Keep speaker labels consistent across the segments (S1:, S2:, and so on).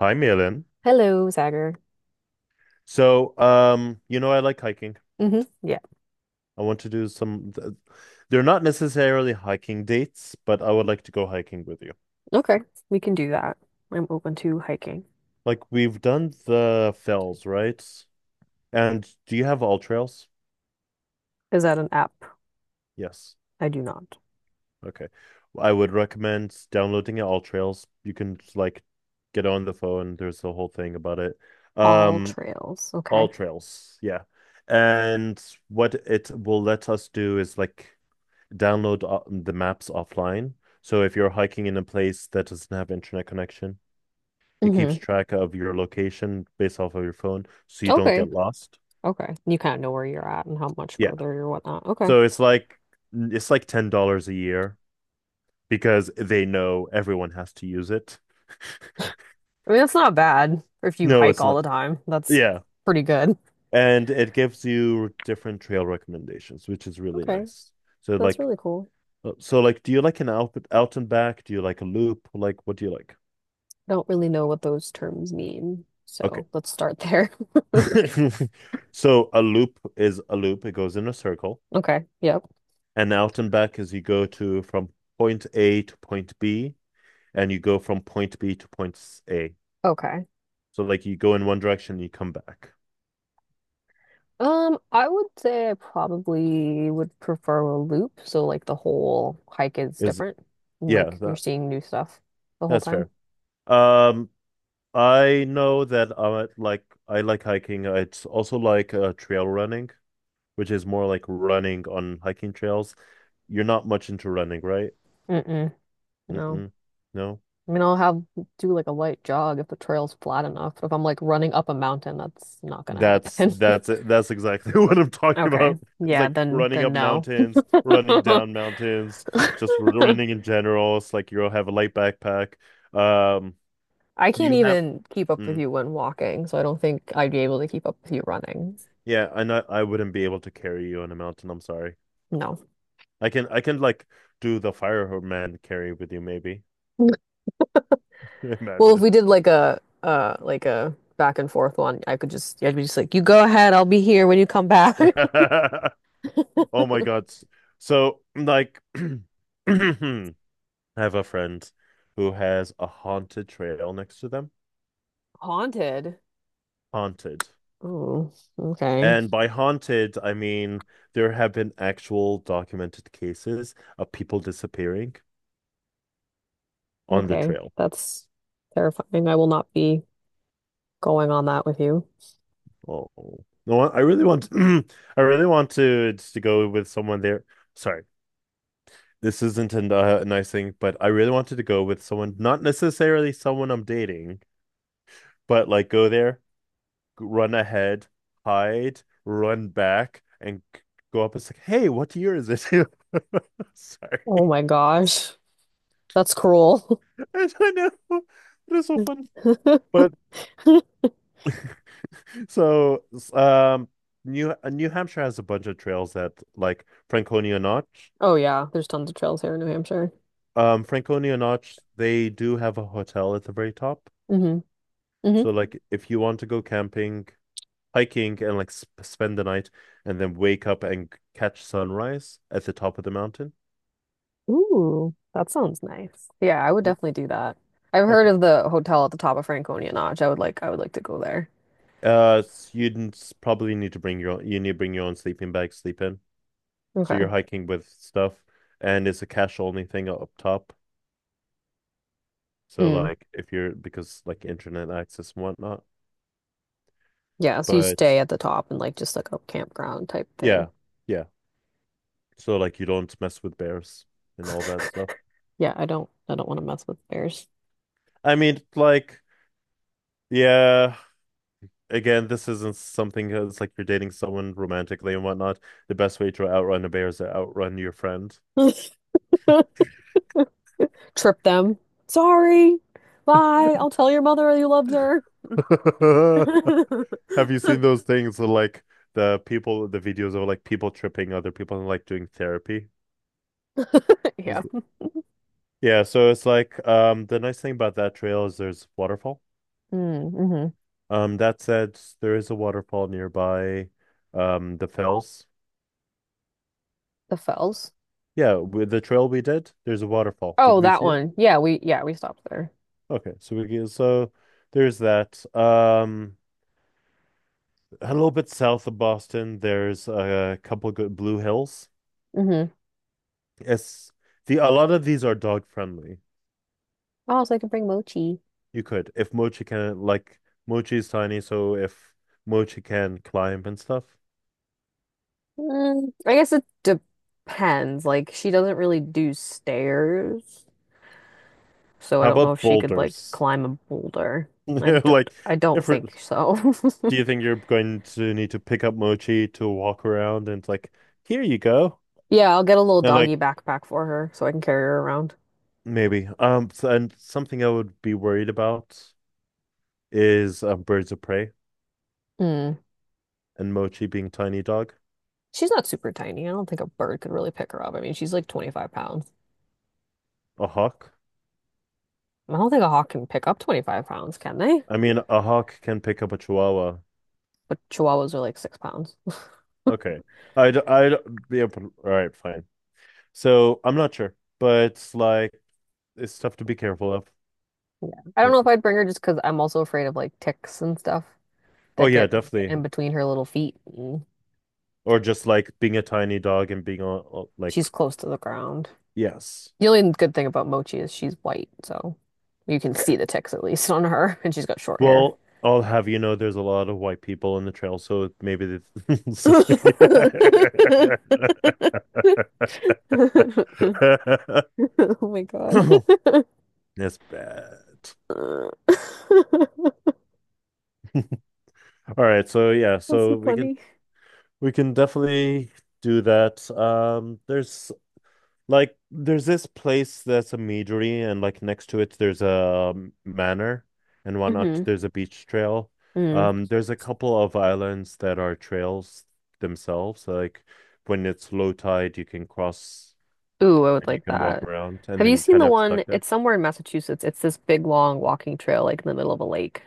S1: Hi, Malin.
S2: Hello, Zagger.
S1: So, I like hiking.
S2: Hmm. Yeah,
S1: I want to do some, they're not necessarily hiking dates, but I would like to go hiking with you.
S2: okay, we can do that. I'm open to hiking.
S1: Like we've done the fells, right? And do you have all trails?
S2: Is that an app?
S1: Yes.
S2: I do not.
S1: Okay. I would recommend downloading all trails. You can like get on the phone. There's a whole thing about it.
S2: All
S1: Um,
S2: trails.
S1: all
S2: Okay.
S1: trails. Yeah. And what it will let us do is like download the maps offline. So if you're hiking in a place that doesn't have internet connection, it keeps
S2: Hmm.
S1: track of your location based off of your phone, so you don't
S2: Okay,
S1: get lost.
S2: okay. You kind of know where you're at and how much
S1: Yeah.
S2: further you're whatnot. Okay.
S1: So it's like $10 a year because they know everyone has to use it.
S2: I mean, that's not bad if you
S1: No,
S2: hike
S1: it's
S2: all
S1: not.
S2: the time. That's
S1: Yeah.
S2: pretty good.
S1: And it gives you different trail recommendations, which is really
S2: Okay.
S1: nice. So
S2: That's
S1: like
S2: really cool.
S1: so like do you like an out and back? Do you like a loop? Like what do you like?
S2: Don't really know what those terms mean.
S1: Okay.
S2: So let's start there.
S1: So a loop is a loop. It goes in a circle.
S2: Okay. Yep.
S1: And out and back is you go to from point A to point B, and you go from point B to point A.
S2: Okay.
S1: So like you go in one direction, you come back.
S2: I would say I probably would prefer a loop, so like the whole hike is
S1: Is
S2: different, and
S1: yeah,
S2: like you're
S1: that
S2: seeing new stuff the whole
S1: that's
S2: time.
S1: fair. Um, I know that I like hiking. It's also like trail running, which is more like running on hiking trails. You're not much into running, right?
S2: Mm-mm, no.
S1: Mm-mm. No.
S2: I mean, I'll have do like a light jog if the trail's flat enough. But if I'm like running up a mountain, that's not gonna
S1: That's
S2: happen.
S1: that's it. That's exactly what I'm talking
S2: Okay.
S1: about. It's
S2: Yeah,
S1: like
S2: then
S1: running
S2: then
S1: up
S2: no.
S1: mountains, running down mountains, just running in general. It's like you'll have a light backpack. Um,
S2: I can't
S1: you have,
S2: even keep up with
S1: mm,
S2: you when walking, so I don't think I'd be able to keep up with you running.
S1: yeah, I know I wouldn't be able to carry you on a mountain. I'm sorry.
S2: No.
S1: I can like do the fireman carry with you maybe.
S2: Well, if
S1: Imagine.
S2: we did like a back and forth one, I'd be just like, you go ahead, I'll be here when you come back.
S1: Oh my God. So like, I have a friend who has a haunted trail next to them.
S2: Haunted.
S1: Haunted.
S2: Ooh, okay.
S1: And by haunted, I mean there have been actual documented cases of people disappearing on the
S2: Okay.
S1: trail.
S2: That's terrifying. I will not be going on that with you.
S1: Oh, no, I really want to, I really wanted to go with someone there. Sorry, this isn't a nice thing, but I really wanted to go with someone, not necessarily someone I'm dating, but like go there, run ahead, hide, run back, and go up and say, "Hey, what year is it?"
S2: Oh
S1: Sorry,
S2: my gosh. That's cruel.
S1: I don't know. It is so fun. But So, um, New Hampshire has a bunch of trails that like Franconia Notch.
S2: Oh yeah, there's tons of trails here in New Hampshire.
S1: Franconia Notch, they do have a hotel at the very top.
S2: Hmm. Hmm.
S1: So, like, if you want to go camping, hiking, and like sp spend the night, and then wake up and catch sunrise at the top of the mountain.
S2: Ooh, that sounds nice. Yeah, I would
S1: Y-
S2: definitely do that. I've heard of
S1: Okay.
S2: the hotel at the top of Franconia Notch. I would like to go there.
S1: Probably need to bring your own, you need to bring your own sleeping bag, sleep in. So you're
S2: Okay.
S1: hiking with stuff, and it's a cash only thing up top. So
S2: Mm.
S1: like if you're because like internet access and whatnot.
S2: Yeah, so you
S1: But
S2: stay at the top and like just like a campground type
S1: yeah,
S2: thing.
S1: yeah. So like you don't mess with bears and all that stuff.
S2: Yeah, I don't want to mess with bears.
S1: I mean, like, yeah, again, this isn't something that's like you're dating someone romantically and whatnot. The best way to outrun a bear is to outrun your friend.
S2: Trip them. Sorry. Bye. I'll tell your mother you loved her.
S1: Have you seen those things with, like the people, the videos of like people tripping other people and like doing therapy?
S2: Yeah.
S1: Yeah, so it's like the nice thing about that trail is there's waterfall.
S2: Mm. Mm-hmm.
S1: That said, there is a waterfall nearby, the Fells.
S2: The Fells.
S1: Yeah, with the trail we did, there's a waterfall. Did
S2: Oh,
S1: we
S2: that
S1: see it?
S2: one. Yeah, we stopped there.
S1: Okay, so there's that. A little bit south of Boston, there's a couple good Blue Hills.
S2: Mm-hmm.
S1: It's the a lot of these are dog friendly.
S2: Oh, so I can bring Mochi.
S1: You could, if Mochi can, like Mochi's tiny, so if Mochi can climb and stuff.
S2: Mm, I guess it depends. Like she doesn't really do stairs, so I
S1: How
S2: don't know
S1: about
S2: if she could like
S1: boulders?
S2: climb a boulder. I d
S1: Like
S2: I don't
S1: if we're
S2: think so.
S1: Do you think you're going to need to pick up Mochi to walk around and it's like, here you go?
S2: Yeah, I'll get a little
S1: And like
S2: doggy backpack for her so I can carry her around.
S1: maybe. So, and something I would be worried about is birds of prey
S2: Mm.
S1: and Mochi being tiny dog.
S2: She's not super tiny. I don't think a bird could really pick her up. I mean, she's like 25 pounds.
S1: A hawk.
S2: I don't think a hawk can pick up 25 pounds, can they?
S1: I mean a hawk can pick up a chihuahua.
S2: But chihuahuas are like 6 pounds.
S1: Okay. I'd be able All right, fine. So I'm not sure, but it's like it's stuff to be careful of.
S2: Yeah. I don't know
S1: No.
S2: if I'd bring her just because I'm also afraid of like ticks and stuff
S1: Oh
S2: that
S1: yeah,
S2: get
S1: definitely.
S2: in between her little feet. And
S1: Or just like being a tiny dog and being all like
S2: she's close to the ground.
S1: yes.
S2: The only good thing about Mochi is she's white, so you can see the ticks at least on her, and she's got short hair.
S1: Well, I'll have you know there's a lot of white people in the trail, so maybe it's
S2: Oh my God.
S1: that's bad. All right, so yeah,
S2: That's so
S1: so we can
S2: funny.
S1: we can definitely do that. There's this place that's a meadery, and like next to it there's a manor and whatnot.
S2: Hmm.
S1: There's a beach trail.
S2: Mm.
S1: There's a couple of islands that are trails themselves, like when it's low tide, you can cross
S2: Ooh, I would
S1: and you
S2: like
S1: can walk
S2: that.
S1: around and
S2: Have
S1: then
S2: you
S1: you
S2: seen
S1: kind
S2: the
S1: of
S2: one?
S1: stuck there.
S2: It's somewhere in Massachusetts. It's this big long walking trail like in the middle of a lake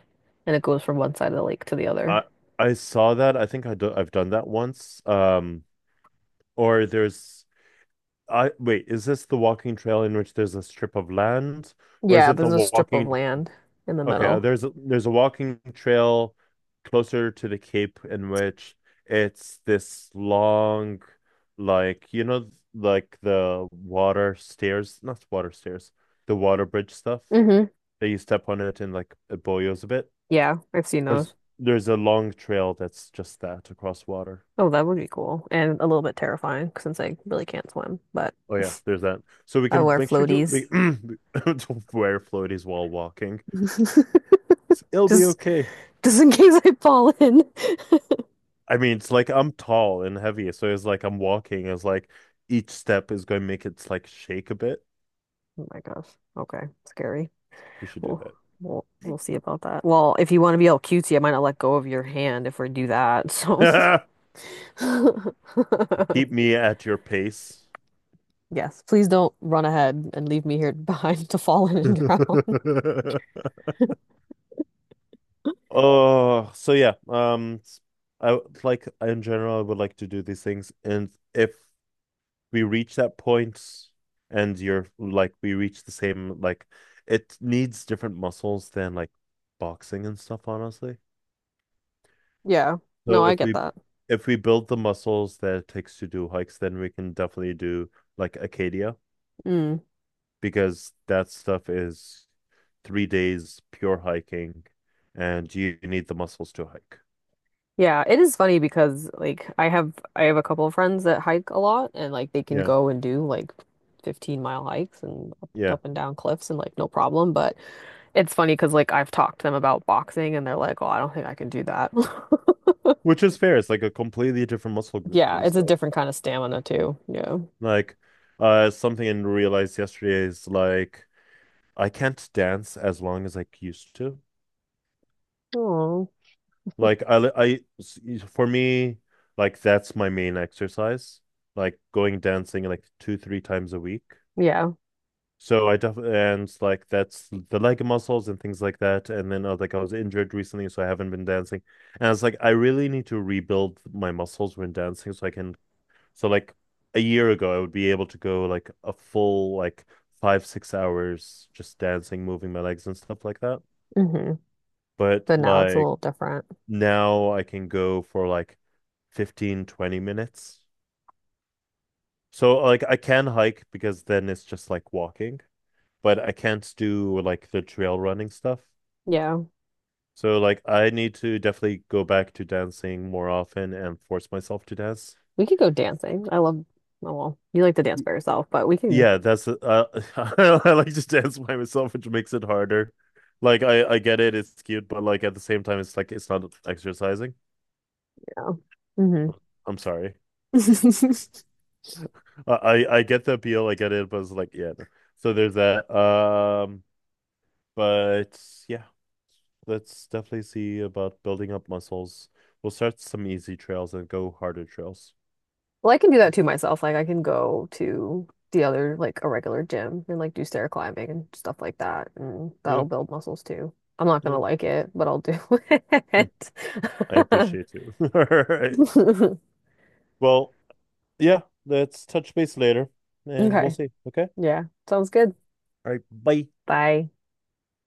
S2: and it goes from one side of the lake to the other.
S1: I I saw that. I think I do, I've done that once. Or there's I wait, is this the walking trail in which there's a strip of land, or is
S2: Yeah,
S1: it the
S2: there's a strip of
S1: walking?
S2: land in the
S1: Okay,
S2: middle.
S1: there's a walking trail closer to the Cape in which it's this long, like you know, like the water stairs, not water stairs, the water bridge stuff
S2: Hmm.
S1: that you step on it and like it boils a bit.
S2: Yeah, I've seen
S1: There's
S2: those.
S1: there's a long trail that's just that across water.
S2: Oh, that would be cool and a little bit terrifying since I really can't swim, but
S1: Oh yeah, there's that. So we
S2: I
S1: can
S2: wear
S1: make sure
S2: floaties.
S1: to wear floaties while walking. It'll be
S2: Just
S1: okay.
S2: just in case I fall in.
S1: I mean, it's like I'm tall and heavy, so it's like I'm walking. It's like each step is going to make it like shake a bit.
S2: Oh my gosh. Okay. Scary.
S1: We should do
S2: We'll we'll see about that. Well, if you want to be all cutesy, I might not let go of your hand if we do that. So
S1: that. Keep me at your pace.
S2: yes, please don't run ahead and leave me here behind to fall in and drown.
S1: Oh, so yeah. I like in general, I would like to do these things, and if we reach that point and you're like we reach the same like it needs different muscles than like boxing and stuff honestly,
S2: Yeah. No,
S1: so
S2: I get that.
S1: if we build the muscles that it takes to do hikes, then we can definitely do like acadia
S2: Mm.
S1: because that stuff is 3 days pure hiking, and you need the muscles to hike.
S2: Yeah, it is funny because like I have a couple of friends that hike a lot and like they can
S1: Yeah,
S2: go and do like 15-mile hikes and up,
S1: yeah,
S2: up and down cliffs and like no problem, but it's funny because like I've talked to them about boxing and they're like, "Oh, I don't think I can do that."
S1: which is fair. It's like a completely different muscle group
S2: Yeah,
S1: and
S2: it's a
S1: stuff.
S2: different kind of stamina too. Yeah.
S1: Like something I realized yesterday is like I can't dance as long as I used to.
S2: Oh,
S1: Like I, I, for me, like that's my main exercise. Like going dancing like 2, 3 times a week.
S2: yeah.
S1: So I definitely and like that's the leg muscles and things like that. And then I was injured recently, so I haven't been dancing. And I was like, I really need to rebuild my muscles when dancing, so I can. So like a year ago, I would be able to go like a full like 5, 6 hours just dancing, moving my legs and stuff like that.
S2: Hmm.
S1: But
S2: But now it's a
S1: like
S2: little different.
S1: now I can go for like 15, 20 minutes. So like I can hike because then it's just like walking, but I can't do like the trail running stuff.
S2: Yeah.
S1: So like I need to definitely go back to dancing more often and force myself to dance.
S2: We could go dancing. I love, oh, well, you like to dance
S1: Y-
S2: by yourself, but we can,
S1: Yeah, that's I like to dance by myself, which makes it harder. Like I get it, it's cute, but like at the same time, it's like it's not exercising.
S2: yeah.
S1: I'm sorry.
S2: Hmm.
S1: I I get the appeal, I get it, but it's like, yeah, no. So there's that. But yeah, let's definitely see about building up muscles. We'll start some easy trails and go harder trails.
S2: Well, I can do that to myself. Like I can go to the other like a regular gym and like do stair climbing and stuff like that, and that'll
S1: Yeah,
S2: build muscles too. I'm not gonna
S1: yeah.
S2: like it, but I'll do
S1: Hmm.
S2: it.
S1: I appreciate you. All right. Well, yeah, let's touch base later and we'll
S2: Okay.
S1: see. Okay.
S2: Yeah. Sounds good.
S1: All right. Bye.
S2: Bye.